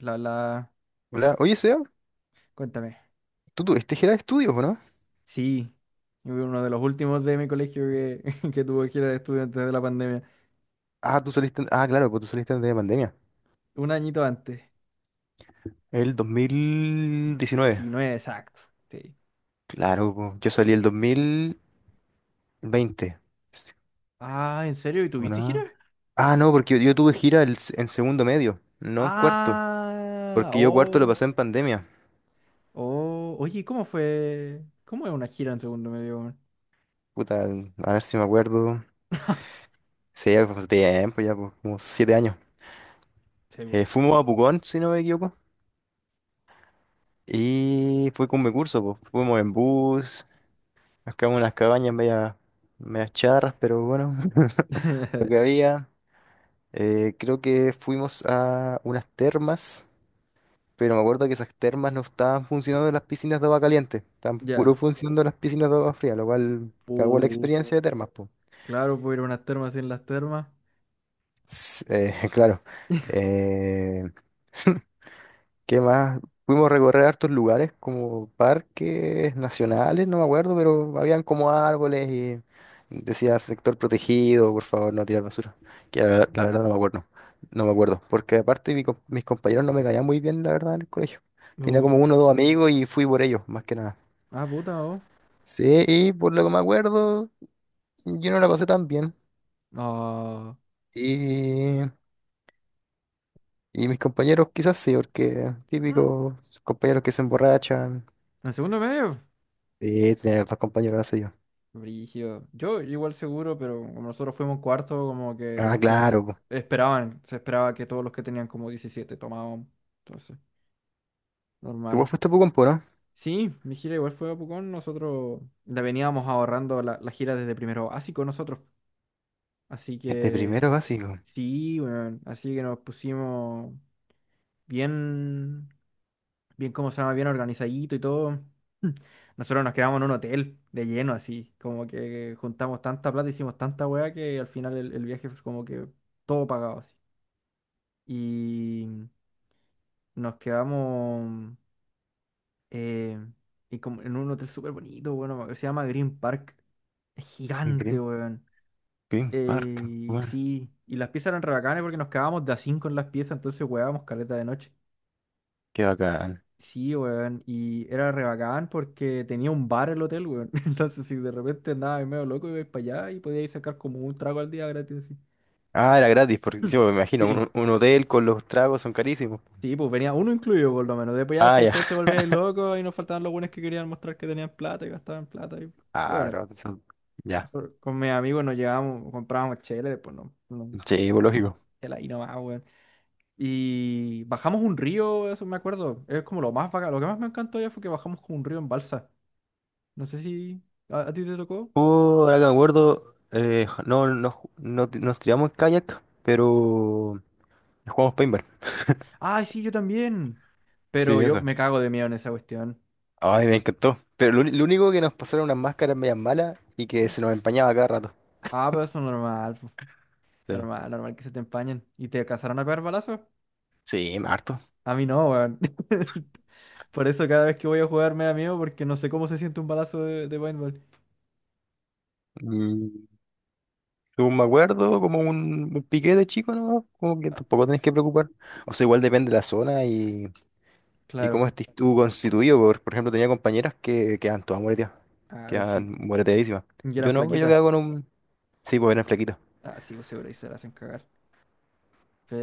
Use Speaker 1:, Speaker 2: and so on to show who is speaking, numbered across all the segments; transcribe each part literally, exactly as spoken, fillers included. Speaker 1: La, la,
Speaker 2: Hola, oye, Seba,
Speaker 1: cuéntame.
Speaker 2: ¿tú tuviste gira de estudios o no?
Speaker 1: Sí, yo fui uno de los últimos de mi colegio que, que tuvo gira de estudiantes de la pandemia.
Speaker 2: Ah, tú saliste, ah, claro, pues tú saliste antes de pandemia.
Speaker 1: Un añito antes.
Speaker 2: El dos mil diecinueve.
Speaker 1: Diecinueve, exacto. Sí.
Speaker 2: Claro, pues, yo salí el dos mil veinte. Sí.
Speaker 1: Ah, ¿en serio? ¿Y
Speaker 2: ¿O
Speaker 1: tuviste gira?
Speaker 2: no? Ah, no, porque yo, yo tuve gira el s- en segundo medio, no en cuarto.
Speaker 1: Ah,
Speaker 2: Porque yo cuarto lo
Speaker 1: oh,
Speaker 2: pasé en pandemia.
Speaker 1: oh. Oye, ¿cómo fue? ¿Cómo es una gira en segundo medio, weón?
Speaker 2: Puta, a ver si me acuerdo. Sí, ya fue hace tiempo, ya, pues, como siete años.
Speaker 1: Sí, po.
Speaker 2: Eh, fuimos a Pucón, si no me equivoco. Y fue con mi curso, pues. Fuimos en bus. Acá hubo unas cabañas media, medias charras, pero bueno, lo que había. Eh, creo que fuimos a unas termas, pero me acuerdo que esas termas no estaban funcionando las piscinas de agua caliente, estaban puro
Speaker 1: Ya.
Speaker 2: funcionando las piscinas de agua fría, lo cual cagó la
Speaker 1: Uh,
Speaker 2: experiencia de termas, pues.
Speaker 1: claro, puedo ir a unas termas sin las termas.
Speaker 2: Claro. Eh, ¿Qué más? Pudimos recorrer hartos lugares como parques nacionales, no me acuerdo, pero habían como árboles y decía sector protegido, por favor, no tirar basura. Que la, la verdad no me acuerdo, no me acuerdo, porque aparte mi com- mis compañeros no me caían muy bien, la verdad, en el colegio. Tenía
Speaker 1: Uh,
Speaker 2: como uno o dos amigos y fui por ellos, más que nada.
Speaker 1: ah, puta, oh.
Speaker 2: Sí, y por lo que me acuerdo, yo no la pasé tan bien.
Speaker 1: Ah,
Speaker 2: Y, y mis compañeros quizás sí, porque típicos compañeros que se emborrachan.
Speaker 1: ¿en segundo medio?
Speaker 2: Sí, tenía hartos compañeros así.
Speaker 1: Brígido. Yo igual seguro, pero como nosotros fuimos cuarto, como que
Speaker 2: Ah,
Speaker 1: se
Speaker 2: claro, po.
Speaker 1: esperaban, se esperaba que todos los que tenían como diecisiete tomaban. Entonces,
Speaker 2: Tú igual
Speaker 1: normal.
Speaker 2: fuiste a Pucompo, ¿no?
Speaker 1: Sí, mi gira igual fue a Pucón. Nosotros la veníamos ahorrando la, la gira desde primero básico nosotros. Así
Speaker 2: De
Speaker 1: que
Speaker 2: primero básico.
Speaker 1: sí, bueno, así que nos pusimos bien. bien, cómo se llama, bien organizadito y todo. Nosotros nos quedamos en un hotel de lleno, así, como que juntamos tanta plata, hicimos tanta weá que al final el, el viaje fue como que todo pagado así. Y nos quedamos eh, y como en un hotel súper bonito, bueno, se llama Green Park. Es gigante,
Speaker 2: Green,
Speaker 1: weón.
Speaker 2: Green Park.
Speaker 1: Eh, y
Speaker 2: Bueno,
Speaker 1: sí, y las piezas eran re bacanes porque nos quedábamos de a cinco en las piezas, entonces weábamos caleta de noche.
Speaker 2: qué bacán.
Speaker 1: Sí, weón, y era re bacán porque tenía un bar el hotel, weón. Entonces, si de repente andabas medio loco, ibais para allá y podíais sacar como un trago al día gratis. Así.
Speaker 2: Ah, era gratis, porque sí, pues, me imagino,
Speaker 1: Sí,
Speaker 2: un, un hotel con los tragos son carísimos.
Speaker 1: sí, pues venía uno incluido por lo menos. Después ya,
Speaker 2: Ah,
Speaker 1: si
Speaker 2: ya.
Speaker 1: después te volvíais loco y nos faltaban los buenos que querían mostrar que tenían plata y gastaban plata. Y...
Speaker 2: Ah,
Speaker 1: Bueno,
Speaker 2: pero son... Ya.
Speaker 1: nosotros con mis amigos nos llevábamos, comprábamos chela, y después no, no,
Speaker 2: Sí, pues,
Speaker 1: no,
Speaker 2: lógico.
Speaker 1: chela y nomás, weón. Y bajamos un río, eso me acuerdo. Es como lo más bacán. Lo que más me encantó ya fue que bajamos como un río en balsa. No sé si... ¿A, a ti te tocó?
Speaker 2: Oh, ahora que me acuerdo, eh, no, no, ju- no ti- nos tiramos en kayak, pero jugamos paintball.
Speaker 1: ¡Ay, sí, yo también!
Speaker 2: Sí,
Speaker 1: Pero yo
Speaker 2: eso.
Speaker 1: me cago de miedo en esa cuestión.
Speaker 2: Ay, me encantó. Pero lo, uni- lo único que nos pasaron unas máscaras medias malas y que se nos empañaba cada rato.
Speaker 1: Ah, pero eso es normal, po.
Speaker 2: Sí.
Speaker 1: Normal, normal que se te empañen. ¿Y te alcanzaron a pegar balazos?
Speaker 2: Sí, harto.
Speaker 1: A mí no, weón. Por eso cada vez que voy a jugar me da miedo porque no sé cómo se siente un balazo de, de paintball.
Speaker 2: Mm. Según me acuerdo, como un, un piqué de chico, ¿no? Como que tampoco tenés que preocupar. O sea, igual depende de la zona y, y cómo
Speaker 1: Claro.
Speaker 2: estés tú constituido. Por, por ejemplo, tenía compañeras que quedan todas moreteadas,
Speaker 1: Ah, sí.
Speaker 2: quedan moreteadísimas.
Speaker 1: Y eran
Speaker 2: Yo no, yo
Speaker 1: flaquitas.
Speaker 2: quedaba con un... Sí, pues era flaquito.
Speaker 1: Ah, sí, pues seguro ahí se las hacen cagar.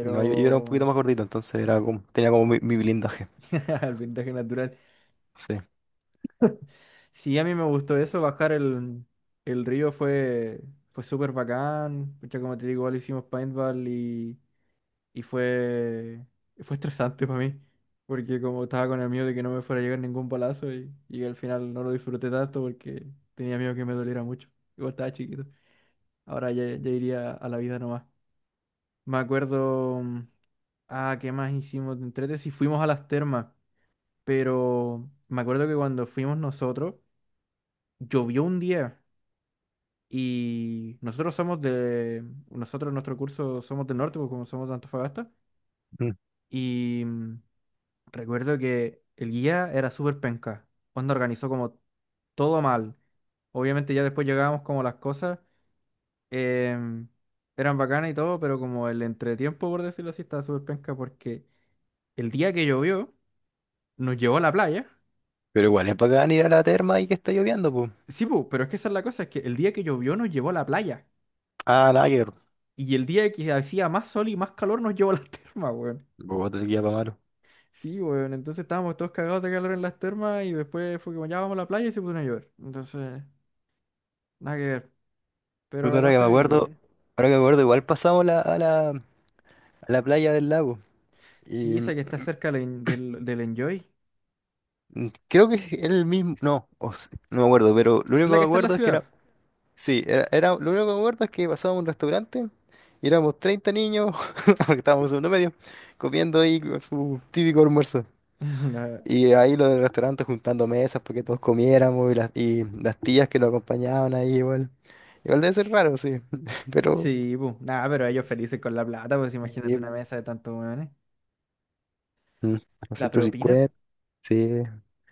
Speaker 2: No, yo, yo era un poquito más gordito, entonces era como, tenía como mi, mi blindaje.
Speaker 1: El vendaje natural.
Speaker 2: Sí.
Speaker 1: Sí, a mí me gustó eso, bajar el, el río fue, fue súper bacán. Pucha, como te digo, igual hicimos paintball y, y fue, fue estresante para mí, porque como estaba con el miedo de que no me fuera a llegar ningún balazo y, y al final no lo disfruté tanto porque tenía miedo que me doliera mucho. Igual estaba chiquito. Ahora ya, ya iría a la vida nomás. Me acuerdo, mm, ah, ¿qué más hicimos de entrete? Sí, fuimos a las termas, pero me acuerdo que cuando fuimos nosotros, llovió un día. Y nosotros somos de, nosotros en nuestro curso somos del norte, porque como somos de Antofagasta.
Speaker 2: Mm.
Speaker 1: Y mm, recuerdo que el guía era súper penca. Onda organizó como todo mal. Obviamente ya después llegábamos como las cosas em, eran bacanas y todo, pero como el entretiempo, por decirlo así, estaba súper penca porque el día que llovió nos llevó a la playa.
Speaker 2: Pero igual es bacán ir a la terma y que está lloviendo, pues.
Speaker 1: Sí, pu, pero es que esa es la cosa, es que el día que llovió nos llevó a la playa.
Speaker 2: Ah, nada que ver.
Speaker 1: Y el día que hacía más sol y más calor nos llevó a la terma, weón.
Speaker 2: Bogotá, el guía pa' malo.
Speaker 1: Sí, weón, entonces estábamos todos cagados de calor en las termas y después fue como ya vamos a la playa y se puso a llover. Entonces, nada que ver. Pero
Speaker 2: Puta,
Speaker 1: la
Speaker 2: ahora que me
Speaker 1: pasé
Speaker 2: acuerdo,
Speaker 1: bien.
Speaker 2: ahora que me acuerdo, igual pasamos la- a la, a la playa del lago. Y
Speaker 1: Sí, esa que está cerca del, del, del Enjoy.
Speaker 2: mm, creo que es el mismo, no, o s- no me acuerdo, pero lo
Speaker 1: Es
Speaker 2: único
Speaker 1: la
Speaker 2: que
Speaker 1: que
Speaker 2: me
Speaker 1: está en la
Speaker 2: acuerdo es que era,
Speaker 1: ciudad.
Speaker 2: sí, era, era- lo único que me acuerdo es que pasábamos a un restaurante y éramos treinta niños, porque estábamos en segundo medio, comiendo ahí con su típico almuerzo.
Speaker 1: Nah,
Speaker 2: Y ahí los del restaurante juntando mesas porque todos comiéramos y las, y las tías que lo acompañaban ahí igual. Igual debe ser raro, sí, pero...
Speaker 1: sí, bu. Nada, pero ellos felices con la plata, pues imagínate una
Speaker 2: Sí,
Speaker 1: mesa de tantos weones.
Speaker 2: mm,
Speaker 1: La propina.
Speaker 2: doscientos cincuenta, sí.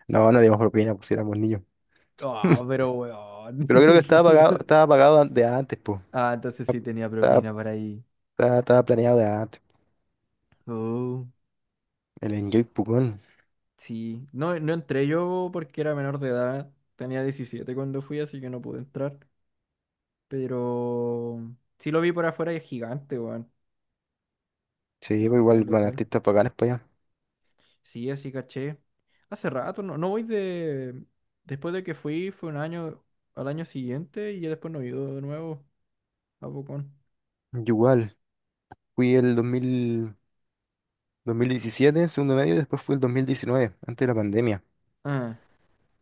Speaker 2: No, no dimos propina, pues si éramos niños.
Speaker 1: Oh,
Speaker 2: Pero
Speaker 1: pero weón.
Speaker 2: creo que estaba pagado, estaba pagado de antes, pues.
Speaker 1: Ah, entonces sí tenía propina por ahí.
Speaker 2: Estaba, estaba planeado de antes.
Speaker 1: Oh,
Speaker 2: El Enjoy Pucón.
Speaker 1: sí. No, no entré yo porque era menor de edad. Tenía diecisiete cuando fui, así que no pude entrar. Pero sí lo vi por afuera y es gigante, weón,
Speaker 2: Sí, pues
Speaker 1: el,
Speaker 2: igual
Speaker 1: el
Speaker 2: van
Speaker 1: hotel.
Speaker 2: artistas bacanes para allá.
Speaker 1: Sí, así caché. Hace rato, no, no voy de... Después de que fui, fue un año al año siguiente y ya después no he ido de nuevo a Bocón.
Speaker 2: Yo igual. Fui el dos mil dos mil diecisiete, segundo medio, y después fui el dos mil diecinueve, antes de la pandemia.
Speaker 1: Ah,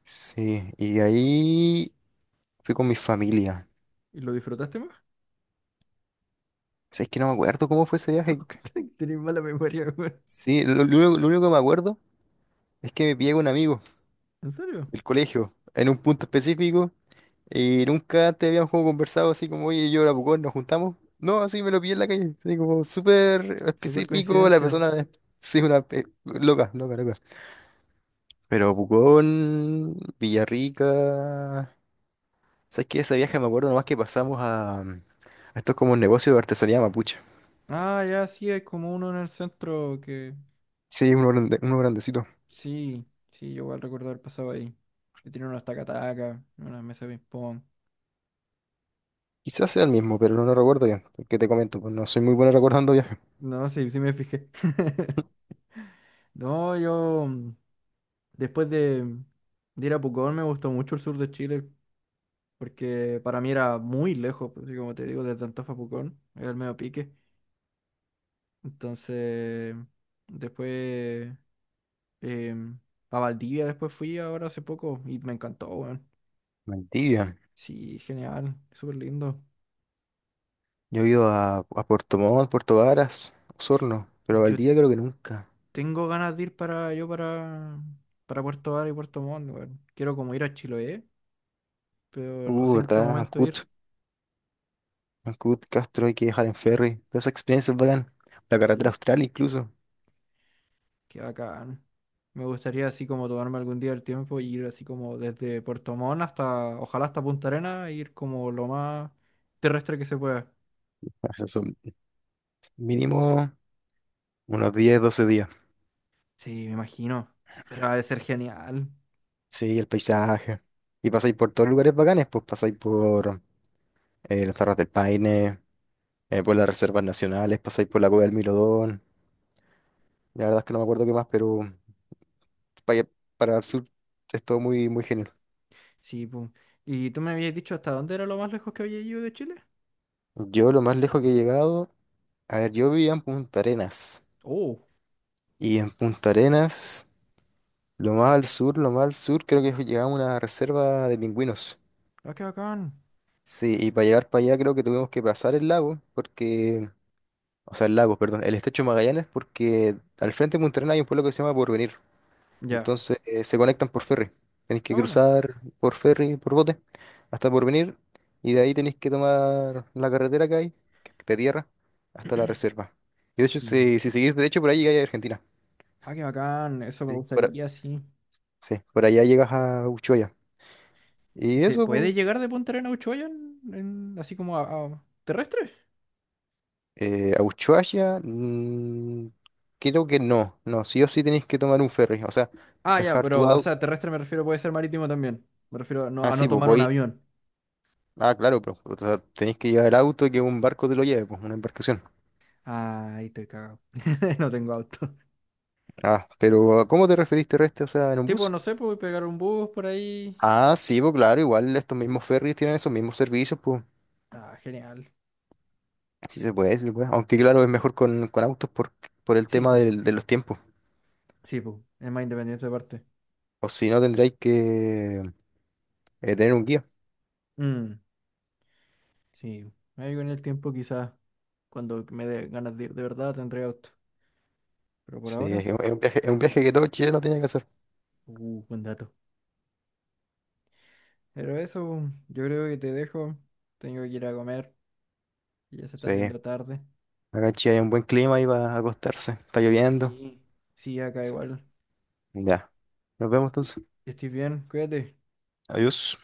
Speaker 2: Sí, y ahí fui con mi familia.
Speaker 1: ¿y lo disfrutaste más?
Speaker 2: O sea, es que no me acuerdo cómo fue ese viaje.
Speaker 1: Tenés mala memoria, weón.
Speaker 2: Sí, lo, lo único lo único que me acuerdo es que me pillé con un amigo
Speaker 1: ¿En serio?
Speaker 2: del colegio, en un punto específico, y nunca antes habíamos como conversado así como, oye, yo era Pucón, nos juntamos. No, así me lo pillé en la calle, así como súper
Speaker 1: Super
Speaker 2: específico, la
Speaker 1: coincidencia.
Speaker 2: persona, sí, una pe- loca, loca, loca. Pero Pucón, Villarrica, ¿sabes qué? Ese viaje me acuerdo nomás que pasamos a, a estos como negocios de artesanía mapuche.
Speaker 1: Ah, ya sí, hay como uno en el centro que...
Speaker 2: Sí, uno, grande- uno grandecito.
Speaker 1: Sí, sí, yo igual recuerdo haber pasado ahí. Que tiene unos taca-taca, unas mesas de ping-pong.
Speaker 2: Quizás sea el mismo, pero no lo recuerdo bien, porque te comento, pues no soy muy bueno recordando viajes.
Speaker 1: No, sí, sí me fijé. No, yo mm, después de, de ir a Pucón me gustó mucho el sur de Chile porque para mí era muy lejos, pues, así como te digo, desde Antofa a Pucón, era el medio pique. Entonces, después em, a Valdivia después fui ahora hace poco y me encantó, weón.
Speaker 2: Mentira.
Speaker 1: Sí, genial, súper lindo.
Speaker 2: Yo he ido a, a Puerto Montt, Puerto Varas, Osorno, pero a
Speaker 1: Yo t-
Speaker 2: Valdivia creo que nunca.
Speaker 1: Tengo ganas de ir para yo para, para Puerto Vara y Puerto Montt, weón. Quiero como ir a Chiloé pero no
Speaker 2: Uh,
Speaker 1: sé en qué
Speaker 2: ¿verdad?
Speaker 1: momento
Speaker 2: Ancud,
Speaker 1: ir.
Speaker 2: Ancud, Castro, hay que viajar en ferry. Todas esas experiencias bacán. La carretera
Speaker 1: Sí.
Speaker 2: austral incluso.
Speaker 1: Qué bacán. Me gustaría así como tomarme algún día el tiempo y ir así como desde Puerto Montt hasta, ojalá hasta Punta Arenas, e ir como lo más terrestre que se pueda.
Speaker 2: O sea, son mínimo unos diez, doce días.
Speaker 1: Sí, me imagino. Pero ha de ser genial.
Speaker 2: Sí, el paisaje. Y pasáis por todos lugares bacanes, pues pasáis por eh, las Terras del Paine, eh, por las reservas nacionales, pasáis por la Cueva del Milodón. La verdad es que no me acuerdo qué más, pero para, para el sur es todo muy, muy genial.
Speaker 1: Sí, pum. ¿Y tú me habías dicho hasta dónde era lo más lejos que había ido de Chile?
Speaker 2: Yo lo más lejos que he llegado, a ver, yo vivía en Punta Arenas.
Speaker 1: Oh,
Speaker 2: Y en Punta Arenas, lo más al sur, lo más al sur, creo que llegaba una reserva de pingüinos.
Speaker 1: ah, qué bacán.
Speaker 2: Sí, y para llegar para allá creo que tuvimos que pasar el lago, porque, o sea, el lago, perdón, el estrecho de Magallanes, porque al frente de Punta Arenas hay un pueblo que se llama Porvenir.
Speaker 1: Ya.
Speaker 2: Entonces, eh, se conectan por ferry. Tenéis que
Speaker 1: Ah, bueno.
Speaker 2: cruzar por ferry, por bote, hasta Porvenir, y de ahí tenéis que tomar la carretera que hay, que es de tierra, hasta la reserva. Y de hecho,
Speaker 1: Mm.
Speaker 2: si, si seguís derecho por ahí llegáis a Argentina.
Speaker 1: Ah, qué bacán. Eso me
Speaker 2: Sí. Por...
Speaker 1: gustaría, sí.
Speaker 2: Sí, por allá llegas a Ushuaia.
Speaker 1: ¿Y
Speaker 2: Y
Speaker 1: se
Speaker 2: eso,
Speaker 1: puede
Speaker 2: po,
Speaker 1: llegar de Punta Arenas a Ushuaia en, en- así como a, a- terrestre?
Speaker 2: eh, a Ushuaia, mm, creo que no, no, sí o sí tenéis que tomar un ferry, o sea,
Speaker 1: Ah, ya,
Speaker 2: dejar tu
Speaker 1: pero, o sea,
Speaker 2: auto.
Speaker 1: terrestre me refiero, puede ser marítimo también. Me refiero a no,
Speaker 2: Ah,
Speaker 1: a no
Speaker 2: sí, pues
Speaker 1: tomar un
Speaker 2: podéis.
Speaker 1: avión.
Speaker 2: Ah, claro, pero o sea, tenéis que llevar el auto y que un barco te lo lleve, pues una embarcación.
Speaker 1: Ah, ahí estoy cagado. No tengo auto.
Speaker 2: Ah, pero ¿a ¿cómo te referís terrestre? O sea, en un
Speaker 1: Tipo,
Speaker 2: bus.
Speaker 1: no sé, pues pegar un bus por ahí.
Speaker 2: Ah, sí, pues claro, igual estos mismos ferries tienen esos mismos servicios, pues
Speaker 1: Ah, genial.
Speaker 2: sí se puede, sí se puede. Aunque claro, es mejor con, con autos por, por el
Speaker 1: Sí,
Speaker 2: tema
Speaker 1: pues.
Speaker 2: del- de los tiempos.
Speaker 1: Sí, pues. Es más independiente aparte. Parte.
Speaker 2: O si no, tendréis que eh, tener un guía.
Speaker 1: Mm, sí. Ahí con el tiempo quizás, cuando me dé ganas de ir de verdad, tendré auto. Pero por
Speaker 2: Sí, es
Speaker 1: ahora,
Speaker 2: un, es un viaje, es un viaje que todo chileno tiene que hacer.
Speaker 1: uh, buen dato. Pero eso, yo creo que te dejo. Tengo que ir a comer. Ya se está
Speaker 2: Sí, acá
Speaker 1: haciendo tarde.
Speaker 2: en Chile hay un buen clima ahí para acostarse. Está lloviendo.
Speaker 1: Sí. Sí, acá igual.
Speaker 2: Ya, nos vemos entonces.
Speaker 1: Que estés bien, cuídate.
Speaker 2: Adiós.